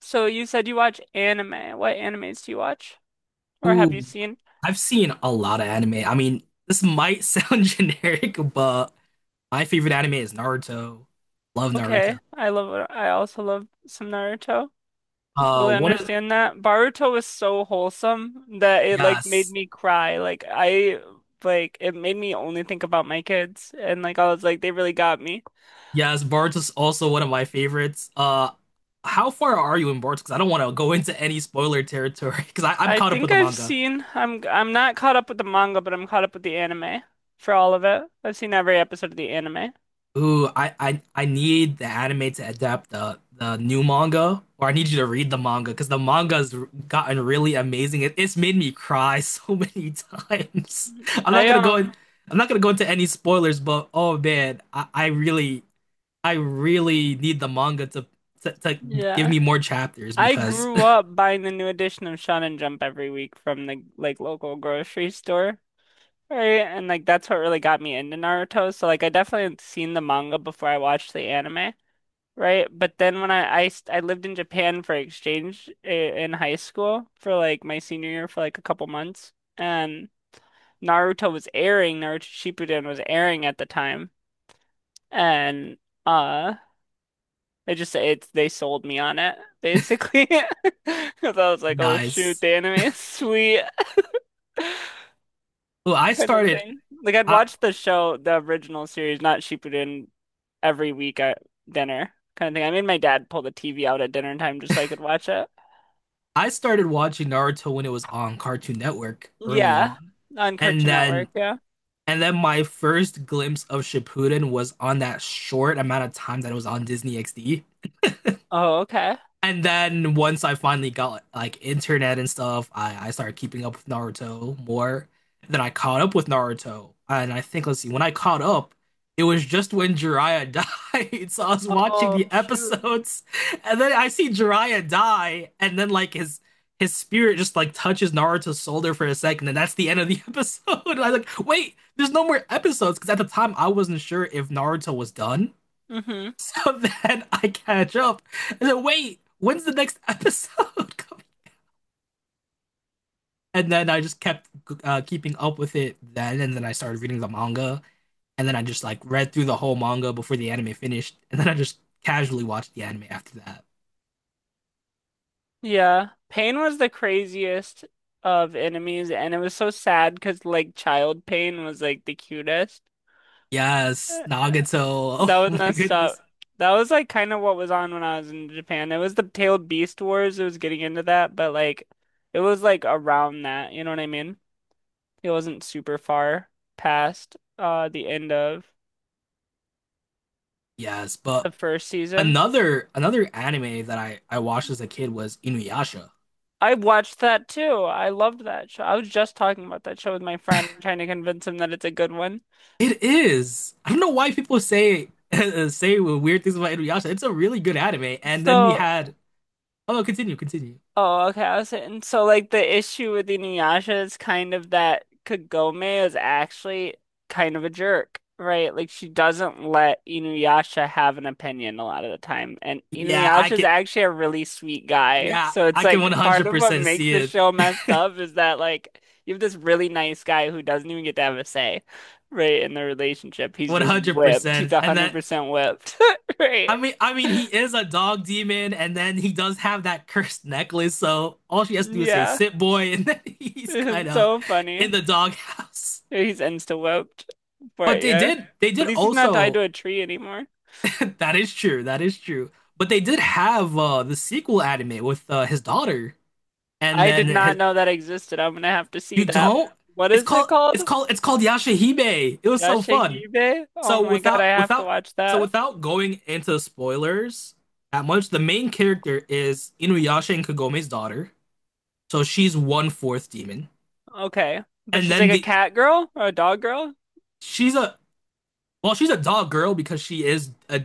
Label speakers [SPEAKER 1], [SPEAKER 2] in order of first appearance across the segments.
[SPEAKER 1] So you said you watch anime. What animes do you watch? Or have you
[SPEAKER 2] Ooh,
[SPEAKER 1] seen?
[SPEAKER 2] I've seen a lot of anime. I mean, this might sound generic, but my favorite anime is Naruto. Love
[SPEAKER 1] Okay,
[SPEAKER 2] Naruto.
[SPEAKER 1] I love I also love some Naruto. Totally
[SPEAKER 2] One of
[SPEAKER 1] understand that. Boruto was so wholesome that it like made
[SPEAKER 2] yes,
[SPEAKER 1] me cry. Like I like it made me only think about my kids, and like I was like they really got me.
[SPEAKER 2] yes, Boruto's also one of my favorites. How far are you in Boruto? Because I don't want to go into any spoiler territory because I'm caught up with the manga.
[SPEAKER 1] I'm not caught up with the manga, but I'm caught up with the anime for all of it. I've seen every episode of the anime.
[SPEAKER 2] Ooh, I need the anime to adapt the new manga, or I need you to read the manga because the manga's gotten really amazing. It's made me cry so many times. I'm not
[SPEAKER 1] I
[SPEAKER 2] gonna go in, I'm not gonna go into any spoilers, but oh man, I really need the manga to give
[SPEAKER 1] yeah.
[SPEAKER 2] me more chapters
[SPEAKER 1] I
[SPEAKER 2] because
[SPEAKER 1] grew up buying the new edition of Shonen and Jump every week from the like local grocery store, right? And like that's what really got me into Naruto. So like I definitely had seen the manga before I watched the anime, right? But then when I, st- I lived in Japan for exchange in high school for like my senior year for like a couple months, and Naruto was airing, Naruto Shippuden was airing at the time, and. Uh. They just it they sold me on it basically because I was like, oh shoot,
[SPEAKER 2] nice.
[SPEAKER 1] the anime is sweet
[SPEAKER 2] Well, I
[SPEAKER 1] kind of
[SPEAKER 2] started
[SPEAKER 1] thing. Like I'd
[SPEAKER 2] I
[SPEAKER 1] watch the show, the original series, not Shippuden, every week at dinner kind of thing. I made my dad pull the TV out at dinner time just so I could watch it.
[SPEAKER 2] I started watching Naruto when it was on Cartoon Network early
[SPEAKER 1] Yeah,
[SPEAKER 2] on.
[SPEAKER 1] on
[SPEAKER 2] And
[SPEAKER 1] Cartoon Network.
[SPEAKER 2] then
[SPEAKER 1] Yeah.
[SPEAKER 2] And then my first glimpse of Shippuden was on that short amount of time that it was on Disney XD.
[SPEAKER 1] Oh, okay.
[SPEAKER 2] And then once I finally got like internet and stuff, I started keeping up with Naruto more. Then I caught up with Naruto. And I think, let's see, when I caught up, it was just when Jiraiya died. So I was watching
[SPEAKER 1] Oh
[SPEAKER 2] the
[SPEAKER 1] shoot.
[SPEAKER 2] episodes, and then I see Jiraiya die, and then like his spirit just like touches Naruto's shoulder for a second, and that's the end of the episode. I was like, wait, there's no more episodes, because at the time I wasn't sure if Naruto was done.
[SPEAKER 1] Hmm.
[SPEAKER 2] So then I catch up. And then wait, when's the next episode coming? And then I just kept keeping up with it then, and then I started reading the manga, and then I just like read through the whole manga before the anime finished, and then I just casually watched the anime after that.
[SPEAKER 1] Yeah. Pain was the craziest of enemies, and it was so sad because like child Pain was like the cutest.
[SPEAKER 2] Yes, Nagato.
[SPEAKER 1] That was
[SPEAKER 2] Oh my
[SPEAKER 1] messed up.
[SPEAKER 2] goodness.
[SPEAKER 1] That was like kind of what was on when I was in Japan. It was the Tailed Beast Wars. It was getting into that, but like it was like around that, you know what I mean? It wasn't super far past the end of
[SPEAKER 2] Yes,
[SPEAKER 1] the
[SPEAKER 2] but
[SPEAKER 1] first season.
[SPEAKER 2] another anime that I watched as a kid was Inuyasha.
[SPEAKER 1] I watched that too. I loved that show. I was just talking about that show with my friend, trying to convince him that it's a good one.
[SPEAKER 2] It is. I don't know why people say say weird things about Inuyasha. It's a really good anime. And then we
[SPEAKER 1] So
[SPEAKER 2] had oh, continue, continue.
[SPEAKER 1] oh, okay. I was saying, so like the issue with Inuyasha is kind of that Kagome is actually kind of a jerk, right? Like she doesn't let Inuyasha have an opinion a lot of the time, and
[SPEAKER 2] Yeah, I
[SPEAKER 1] Inuyasha is
[SPEAKER 2] can.
[SPEAKER 1] actually a really sweet guy.
[SPEAKER 2] Yeah,
[SPEAKER 1] So it's
[SPEAKER 2] I can
[SPEAKER 1] like part of what
[SPEAKER 2] 100%
[SPEAKER 1] makes
[SPEAKER 2] see
[SPEAKER 1] the
[SPEAKER 2] it.
[SPEAKER 1] show messed up is that like you have this really nice guy who doesn't even get to have a say, right, in the relationship. He's just whipped. He's
[SPEAKER 2] 100%. And that
[SPEAKER 1] 100% whipped, right?
[SPEAKER 2] I mean, he is a dog demon, and then he does have that cursed necklace. So all she has to do is say
[SPEAKER 1] Yeah.
[SPEAKER 2] "sit boy," and then he's kind
[SPEAKER 1] It's
[SPEAKER 2] of
[SPEAKER 1] so funny.
[SPEAKER 2] in the doghouse.
[SPEAKER 1] He's insta whooped.
[SPEAKER 2] But
[SPEAKER 1] But
[SPEAKER 2] they
[SPEAKER 1] yeah.
[SPEAKER 2] did, they
[SPEAKER 1] At
[SPEAKER 2] did
[SPEAKER 1] least he's not tied
[SPEAKER 2] also.
[SPEAKER 1] to a tree anymore.
[SPEAKER 2] That is true. That is true. But they did have the sequel anime with his daughter, and
[SPEAKER 1] I
[SPEAKER 2] then
[SPEAKER 1] did not
[SPEAKER 2] his,
[SPEAKER 1] know that existed. I'm gonna have to see
[SPEAKER 2] you
[SPEAKER 1] that.
[SPEAKER 2] don't.
[SPEAKER 1] What
[SPEAKER 2] It's
[SPEAKER 1] is it
[SPEAKER 2] called.
[SPEAKER 1] called?
[SPEAKER 2] It's called. It's called Yashahime. It was so fun.
[SPEAKER 1] Yashahime? Oh
[SPEAKER 2] So
[SPEAKER 1] my God, I
[SPEAKER 2] without
[SPEAKER 1] have to
[SPEAKER 2] without
[SPEAKER 1] watch
[SPEAKER 2] so
[SPEAKER 1] that.
[SPEAKER 2] without going into spoilers that much, the main character is Inuyasha and Kagome's daughter. So she's one fourth demon,
[SPEAKER 1] Okay. But
[SPEAKER 2] and
[SPEAKER 1] she's
[SPEAKER 2] then
[SPEAKER 1] like a
[SPEAKER 2] the
[SPEAKER 1] cat girl or a dog girl?
[SPEAKER 2] she's a well she's a dog girl because she is a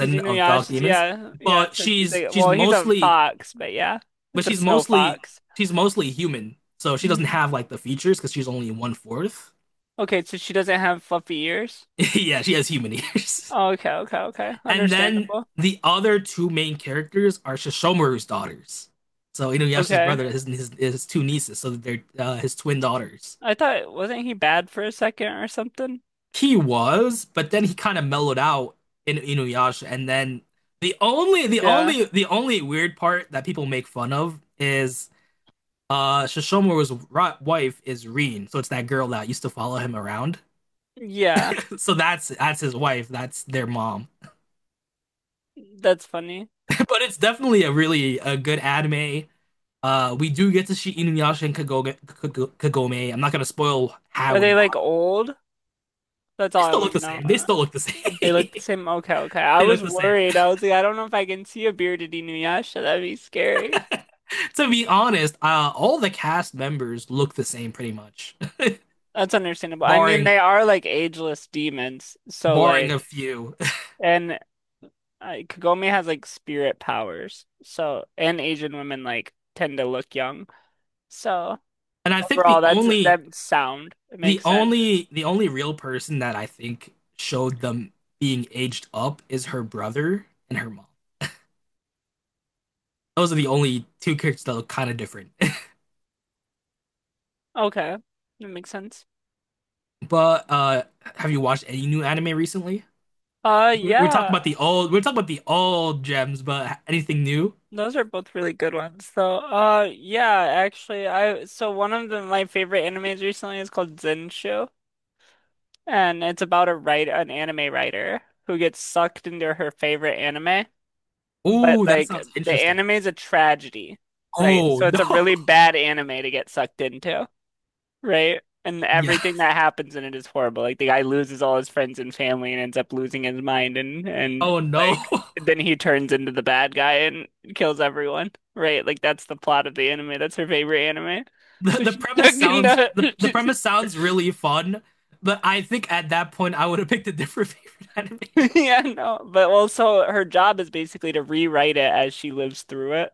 [SPEAKER 1] She's
[SPEAKER 2] of dog
[SPEAKER 1] Inuyasha's,
[SPEAKER 2] demons,
[SPEAKER 1] yeah. Yeah,
[SPEAKER 2] but
[SPEAKER 1] so she's like, well, he's a fox, but yeah.
[SPEAKER 2] but
[SPEAKER 1] It's a
[SPEAKER 2] she's
[SPEAKER 1] snow
[SPEAKER 2] mostly
[SPEAKER 1] fox.
[SPEAKER 2] she's mostly human. So she doesn't
[SPEAKER 1] Hmm.
[SPEAKER 2] have like the features because she's only one fourth.
[SPEAKER 1] Okay, so she doesn't have fluffy ears?
[SPEAKER 2] Yeah, she has human ears.
[SPEAKER 1] Oh, okay, okay, okay.
[SPEAKER 2] And then
[SPEAKER 1] Understandable.
[SPEAKER 2] the other two main characters are Shishomaru's daughters. So Inuyasha's
[SPEAKER 1] Okay.
[SPEAKER 2] brother, his two nieces, so they're his twin daughters.
[SPEAKER 1] I thought, wasn't he bad for a second or something?
[SPEAKER 2] He was, but then he kind of mellowed out in Inuyasha, and then the only the
[SPEAKER 1] Yeah.
[SPEAKER 2] only the only weird part that people make fun of is Shishomaru's wife is Reen, so it's that girl that used to follow him around.
[SPEAKER 1] Yeah,
[SPEAKER 2] So that's his wife, that's their mom.
[SPEAKER 1] that's funny.
[SPEAKER 2] but it's definitely a really a good anime. We do get to see Inuyasha and Kagome. I'm not gonna spoil
[SPEAKER 1] Are
[SPEAKER 2] how
[SPEAKER 1] they
[SPEAKER 2] and why.
[SPEAKER 1] like old? That's all
[SPEAKER 2] They
[SPEAKER 1] I
[SPEAKER 2] still
[SPEAKER 1] want
[SPEAKER 2] look
[SPEAKER 1] to
[SPEAKER 2] the
[SPEAKER 1] know.
[SPEAKER 2] same. They still look the same.
[SPEAKER 1] They look the same. Okay, okay. I
[SPEAKER 2] They look
[SPEAKER 1] was
[SPEAKER 2] the same.
[SPEAKER 1] worried. I was like, I don't know if I can see a bearded Inuyasha. That'd be scary.
[SPEAKER 2] To be honest, all the cast members look the same pretty much,
[SPEAKER 1] That's understandable. I mean,
[SPEAKER 2] barring
[SPEAKER 1] they are like ageless demons. So
[SPEAKER 2] barring a
[SPEAKER 1] like,
[SPEAKER 2] few.
[SPEAKER 1] and Kagome has like spirit powers. So, and Asian women like tend to look young. So
[SPEAKER 2] And I think the
[SPEAKER 1] overall, that's
[SPEAKER 2] only
[SPEAKER 1] that sound. It
[SPEAKER 2] the
[SPEAKER 1] makes sense.
[SPEAKER 2] only the only real person that I think showed them being aged up is her brother and her mom. Those are the only two characters that look kind of different.
[SPEAKER 1] Okay, that makes sense.
[SPEAKER 2] But have you watched any new anime recently? We're talking
[SPEAKER 1] Yeah.
[SPEAKER 2] about the old. We're talking about the old gems, but anything new?
[SPEAKER 1] Those are both really good ones, though. Yeah, actually, I so one of my favorite animes recently is called Zenshou, and it's about a write an anime writer who gets sucked into her favorite anime, but
[SPEAKER 2] Oh, that
[SPEAKER 1] like
[SPEAKER 2] sounds
[SPEAKER 1] the
[SPEAKER 2] interesting.
[SPEAKER 1] anime is a tragedy, right?
[SPEAKER 2] Oh
[SPEAKER 1] So
[SPEAKER 2] no.
[SPEAKER 1] it's a really bad anime to get sucked into, right? And
[SPEAKER 2] Yeah.
[SPEAKER 1] everything that happens in it is horrible. Like the guy loses all his friends and family and ends up losing his mind, and
[SPEAKER 2] Oh no.
[SPEAKER 1] like then he turns into the bad guy and kills everyone, right? Like that's the plot of the anime. That's her favorite anime.
[SPEAKER 2] The,
[SPEAKER 1] So
[SPEAKER 2] the
[SPEAKER 1] she
[SPEAKER 2] premise
[SPEAKER 1] dug
[SPEAKER 2] sounds
[SPEAKER 1] into.
[SPEAKER 2] the, the premise sounds really fun, but I think at that point I would have picked a different favorite anime.
[SPEAKER 1] Yeah, no. But also her job is basically to rewrite it as she lives through it,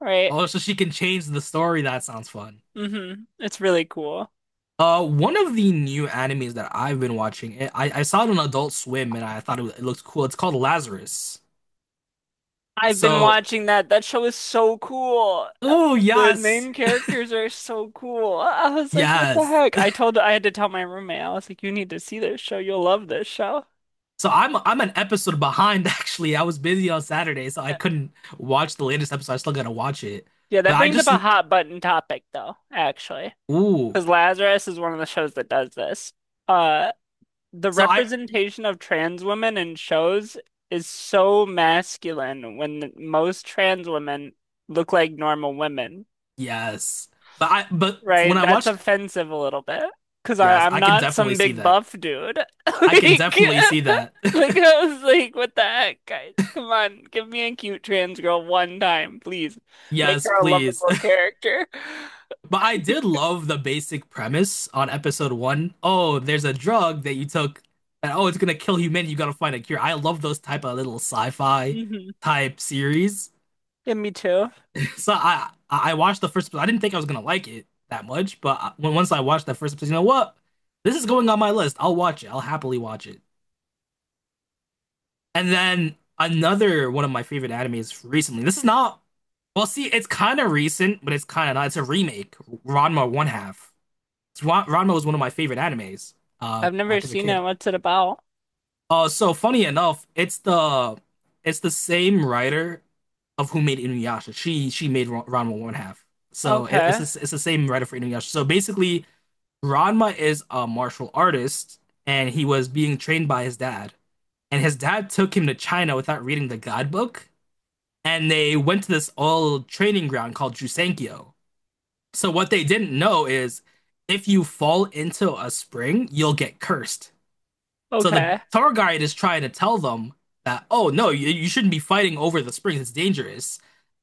[SPEAKER 1] right?
[SPEAKER 2] Oh, so she can change the story. That sounds fun.
[SPEAKER 1] Hmm. It's really cool.
[SPEAKER 2] One of the new animes that I've been watching, I saw it on Adult Swim and I thought it looked cool. It's called Lazarus.
[SPEAKER 1] I've been
[SPEAKER 2] So,
[SPEAKER 1] watching that. That show is so cool.
[SPEAKER 2] oh
[SPEAKER 1] The
[SPEAKER 2] yes,
[SPEAKER 1] main characters are so cool. I was like, what the
[SPEAKER 2] yes,
[SPEAKER 1] heck? I had to tell my roommate. I was like, you need to see this show. You'll love this show.
[SPEAKER 2] So I'm an episode behind actually. I was busy on Saturday, so I
[SPEAKER 1] Yeah,
[SPEAKER 2] couldn't watch the latest episode. I still gotta watch it.
[SPEAKER 1] yeah,
[SPEAKER 2] But
[SPEAKER 1] that
[SPEAKER 2] I
[SPEAKER 1] brings up
[SPEAKER 2] just
[SPEAKER 1] a hot button topic though, actually,
[SPEAKER 2] ooh.
[SPEAKER 1] because Lazarus is one of the shows that does this. Uh, the
[SPEAKER 2] So I
[SPEAKER 1] representation of trans women in shows is so masculine when most trans women look like normal women.
[SPEAKER 2] yes. But I but when
[SPEAKER 1] Right,
[SPEAKER 2] I
[SPEAKER 1] that's
[SPEAKER 2] watched
[SPEAKER 1] offensive a little bit because
[SPEAKER 2] yes,
[SPEAKER 1] I'm
[SPEAKER 2] I can
[SPEAKER 1] not
[SPEAKER 2] definitely
[SPEAKER 1] some
[SPEAKER 2] see
[SPEAKER 1] big
[SPEAKER 2] that.
[SPEAKER 1] buff dude.
[SPEAKER 2] I can definitely see that.
[SPEAKER 1] Like, like I was like, what the heck, guys? Come on, give me a cute trans girl one time, please. Make
[SPEAKER 2] Yes,
[SPEAKER 1] her a
[SPEAKER 2] please.
[SPEAKER 1] lovable character.
[SPEAKER 2] But I did love the basic premise on episode one. Oh, there's a drug that you took and oh, it's gonna kill humanity. You gotta find a cure. I love those type of little sci-fi
[SPEAKER 1] Hmm.
[SPEAKER 2] type series.
[SPEAKER 1] Yeah, me too.
[SPEAKER 2] So I watched the first. I didn't think I was gonna like it that much, but when once I watched that first episode, you know what? This is going on my list. I'll watch it. I'll happily watch it. And then another one of my favorite animes recently. This is not. Well, see, it's kind of recent, but it's kind of not. It's a remake. Ranma One Half. Ranma was one of my favorite animes.
[SPEAKER 1] I've never
[SPEAKER 2] Back as a
[SPEAKER 1] seen
[SPEAKER 2] kid.
[SPEAKER 1] it. What's it about?
[SPEAKER 2] So funny enough, it's the same writer of who made Inuyasha. She made Ranma one half. So it, it's
[SPEAKER 1] Okay,
[SPEAKER 2] the- it's the same writer for Inuyasha. So basically, Ranma is a martial artist, and he was being trained by his dad. And his dad took him to China without reading the guidebook, and they went to this old training ground called Jusenkyo. So what they didn't know is, if you fall into a spring, you'll get cursed. So the
[SPEAKER 1] okay.
[SPEAKER 2] tour guide is trying to tell them that, oh no, you shouldn't be fighting over the springs. It's dangerous.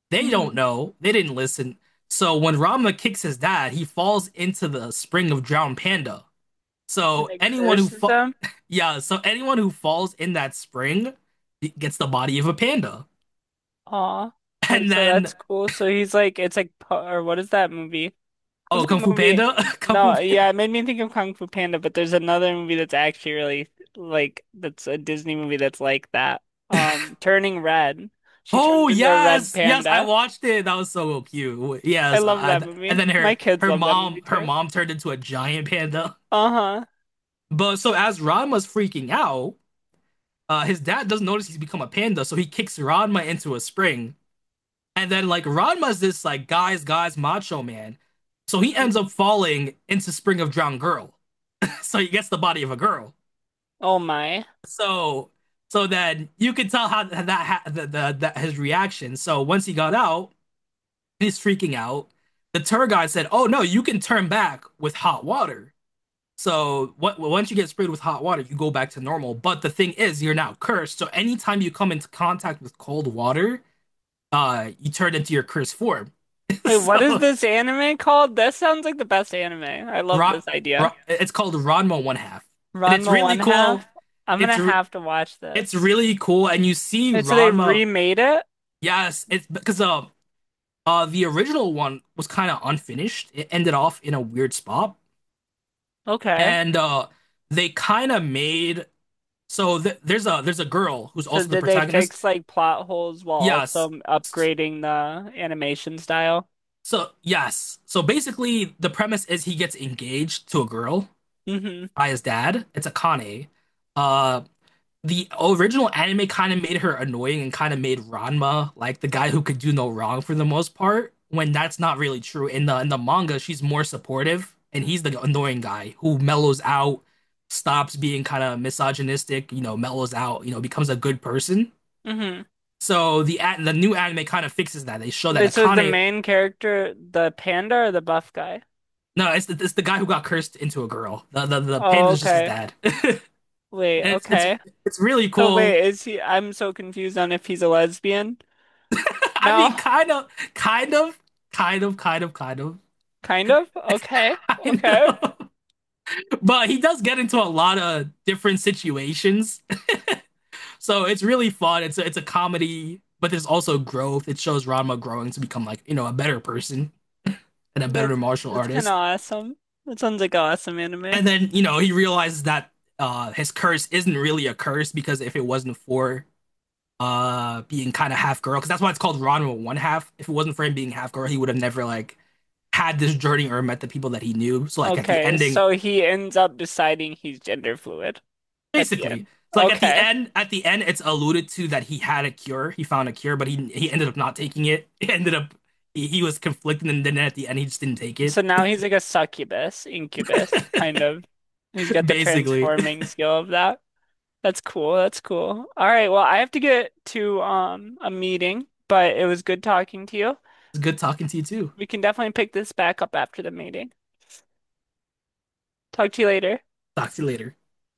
[SPEAKER 2] They don't
[SPEAKER 1] Hmm.
[SPEAKER 2] know. They didn't listen. So when Rama kicks his dad, he falls into the spring of drowned panda.
[SPEAKER 1] And
[SPEAKER 2] So
[SPEAKER 1] it
[SPEAKER 2] anyone who
[SPEAKER 1] curses
[SPEAKER 2] fa
[SPEAKER 1] them.
[SPEAKER 2] yeah, so anyone who falls in that spring gets the body of a panda.
[SPEAKER 1] Aw, wait,
[SPEAKER 2] And
[SPEAKER 1] so that's
[SPEAKER 2] then
[SPEAKER 1] cool. So he's like, it's like, or what is that movie? What's
[SPEAKER 2] oh,
[SPEAKER 1] that
[SPEAKER 2] Kung Fu
[SPEAKER 1] movie?
[SPEAKER 2] Panda, Kung Fu
[SPEAKER 1] No,
[SPEAKER 2] Panda.
[SPEAKER 1] yeah, it made me think of Kung Fu Panda, but there's another movie that's actually really like that's a Disney movie that's like that. Turning Red. She
[SPEAKER 2] Oh
[SPEAKER 1] turns into a red
[SPEAKER 2] yes, yes, I
[SPEAKER 1] panda.
[SPEAKER 2] watched it. That was so cute.
[SPEAKER 1] I
[SPEAKER 2] Yes,
[SPEAKER 1] love that movie.
[SPEAKER 2] and then
[SPEAKER 1] My
[SPEAKER 2] her
[SPEAKER 1] kids
[SPEAKER 2] her
[SPEAKER 1] love that movie
[SPEAKER 2] mom her
[SPEAKER 1] too.
[SPEAKER 2] mom turned into a giant panda.
[SPEAKER 1] Uh-huh.
[SPEAKER 2] But so as Ranma's freaking out, his dad doesn't notice he's become a panda, so he kicks Ranma into a spring. And then like Ranma's this like macho man. So he
[SPEAKER 1] Hmm.
[SPEAKER 2] ends up falling into Spring of Drowned Girl. so he gets the body of a girl.
[SPEAKER 1] Oh my.
[SPEAKER 2] So so then you could tell how that, ha- the, his reaction. So once he got out, he's freaking out. The tour guide said, "Oh no, you can turn back with hot water." So once you get sprayed with hot water, you go back to normal. But the thing is, you're now cursed. So anytime you come into contact with cold water, you turn into your cursed form.
[SPEAKER 1] Wait, what is
[SPEAKER 2] so
[SPEAKER 1] this anime called? This sounds like the best anime. I love
[SPEAKER 2] Ron,
[SPEAKER 1] this idea.
[SPEAKER 2] It's called Ranma One Half, and it's
[SPEAKER 1] Ranma
[SPEAKER 2] really
[SPEAKER 1] One
[SPEAKER 2] cool.
[SPEAKER 1] Half. I'm gonna
[SPEAKER 2] It's re-
[SPEAKER 1] have to watch
[SPEAKER 2] it's
[SPEAKER 1] this.
[SPEAKER 2] really cool, and you see
[SPEAKER 1] And so they
[SPEAKER 2] Ranma.
[SPEAKER 1] remade it?
[SPEAKER 2] Yes, it's because the original one was kind of unfinished. It ended off in a weird spot,
[SPEAKER 1] Okay.
[SPEAKER 2] and they kind of made so there's a girl who's
[SPEAKER 1] So
[SPEAKER 2] also the
[SPEAKER 1] did they
[SPEAKER 2] protagonist.
[SPEAKER 1] fix like plot holes while also
[SPEAKER 2] Yes. S-
[SPEAKER 1] upgrading the animation style?
[SPEAKER 2] So basically, the premise is he gets engaged to a girl
[SPEAKER 1] Hmm.
[SPEAKER 2] by his dad. It's Akane. Uh, the original anime kind of made her annoying and kind of made Ranma like the guy who could do no wrong for the most part, when that's not really true. In the manga, she's more supportive and he's the annoying guy who mellows out, stops being kind of misogynistic, you know, mellows out, you know, becomes a good person.
[SPEAKER 1] Hmm.
[SPEAKER 2] So the new anime kind of fixes that. They show that
[SPEAKER 1] Wait, so is the
[SPEAKER 2] Akane
[SPEAKER 1] main character the panda or the buff guy?
[SPEAKER 2] no, it's the guy who got cursed into a girl. The
[SPEAKER 1] Oh,
[SPEAKER 2] panda is just his
[SPEAKER 1] okay.
[SPEAKER 2] dad, and
[SPEAKER 1] Wait,
[SPEAKER 2] it's it's
[SPEAKER 1] okay.
[SPEAKER 2] it's really
[SPEAKER 1] So
[SPEAKER 2] cool.
[SPEAKER 1] wait, is he? I'm so confused on if he's a lesbian.
[SPEAKER 2] I
[SPEAKER 1] No,
[SPEAKER 2] mean, kind of, kind of, kind of, kind of, kind of,
[SPEAKER 1] kind of. Okay,
[SPEAKER 2] kind
[SPEAKER 1] okay.
[SPEAKER 2] of. But he does get into a lot of different situations, so it's really fun. It's a comedy, but there's also growth. It shows Ranma growing to become like you know a better person and a
[SPEAKER 1] That
[SPEAKER 2] better martial
[SPEAKER 1] that's kind of
[SPEAKER 2] artist.
[SPEAKER 1] awesome. That sounds like an awesome anime.
[SPEAKER 2] And then you know he realizes that his curse isn't really a curse because if it wasn't for being kind of half girl because that's why it's called Ranma one half. If it wasn't for him being half girl, he would have never like had this journey or met the people that he knew. So like at the
[SPEAKER 1] Okay,
[SPEAKER 2] ending,
[SPEAKER 1] so he ends up deciding he's gender fluid at the
[SPEAKER 2] basically,
[SPEAKER 1] end.
[SPEAKER 2] it's like
[SPEAKER 1] Okay.
[SPEAKER 2] at the end, it's alluded to that he had a cure. He found a cure, but he ended up not taking it. He ended up he was conflicted, and then at the end, he just didn't take it.
[SPEAKER 1] So now he's like a succubus, incubus, kind of. He's got the
[SPEAKER 2] Basically, it's
[SPEAKER 1] transforming skill of that. That's cool. That's cool. All right, well, I have to get to a meeting, but it was good talking to you.
[SPEAKER 2] good talking to you too.
[SPEAKER 1] We can definitely pick this back up after the meeting. Talk to you later.
[SPEAKER 2] Talk to you later.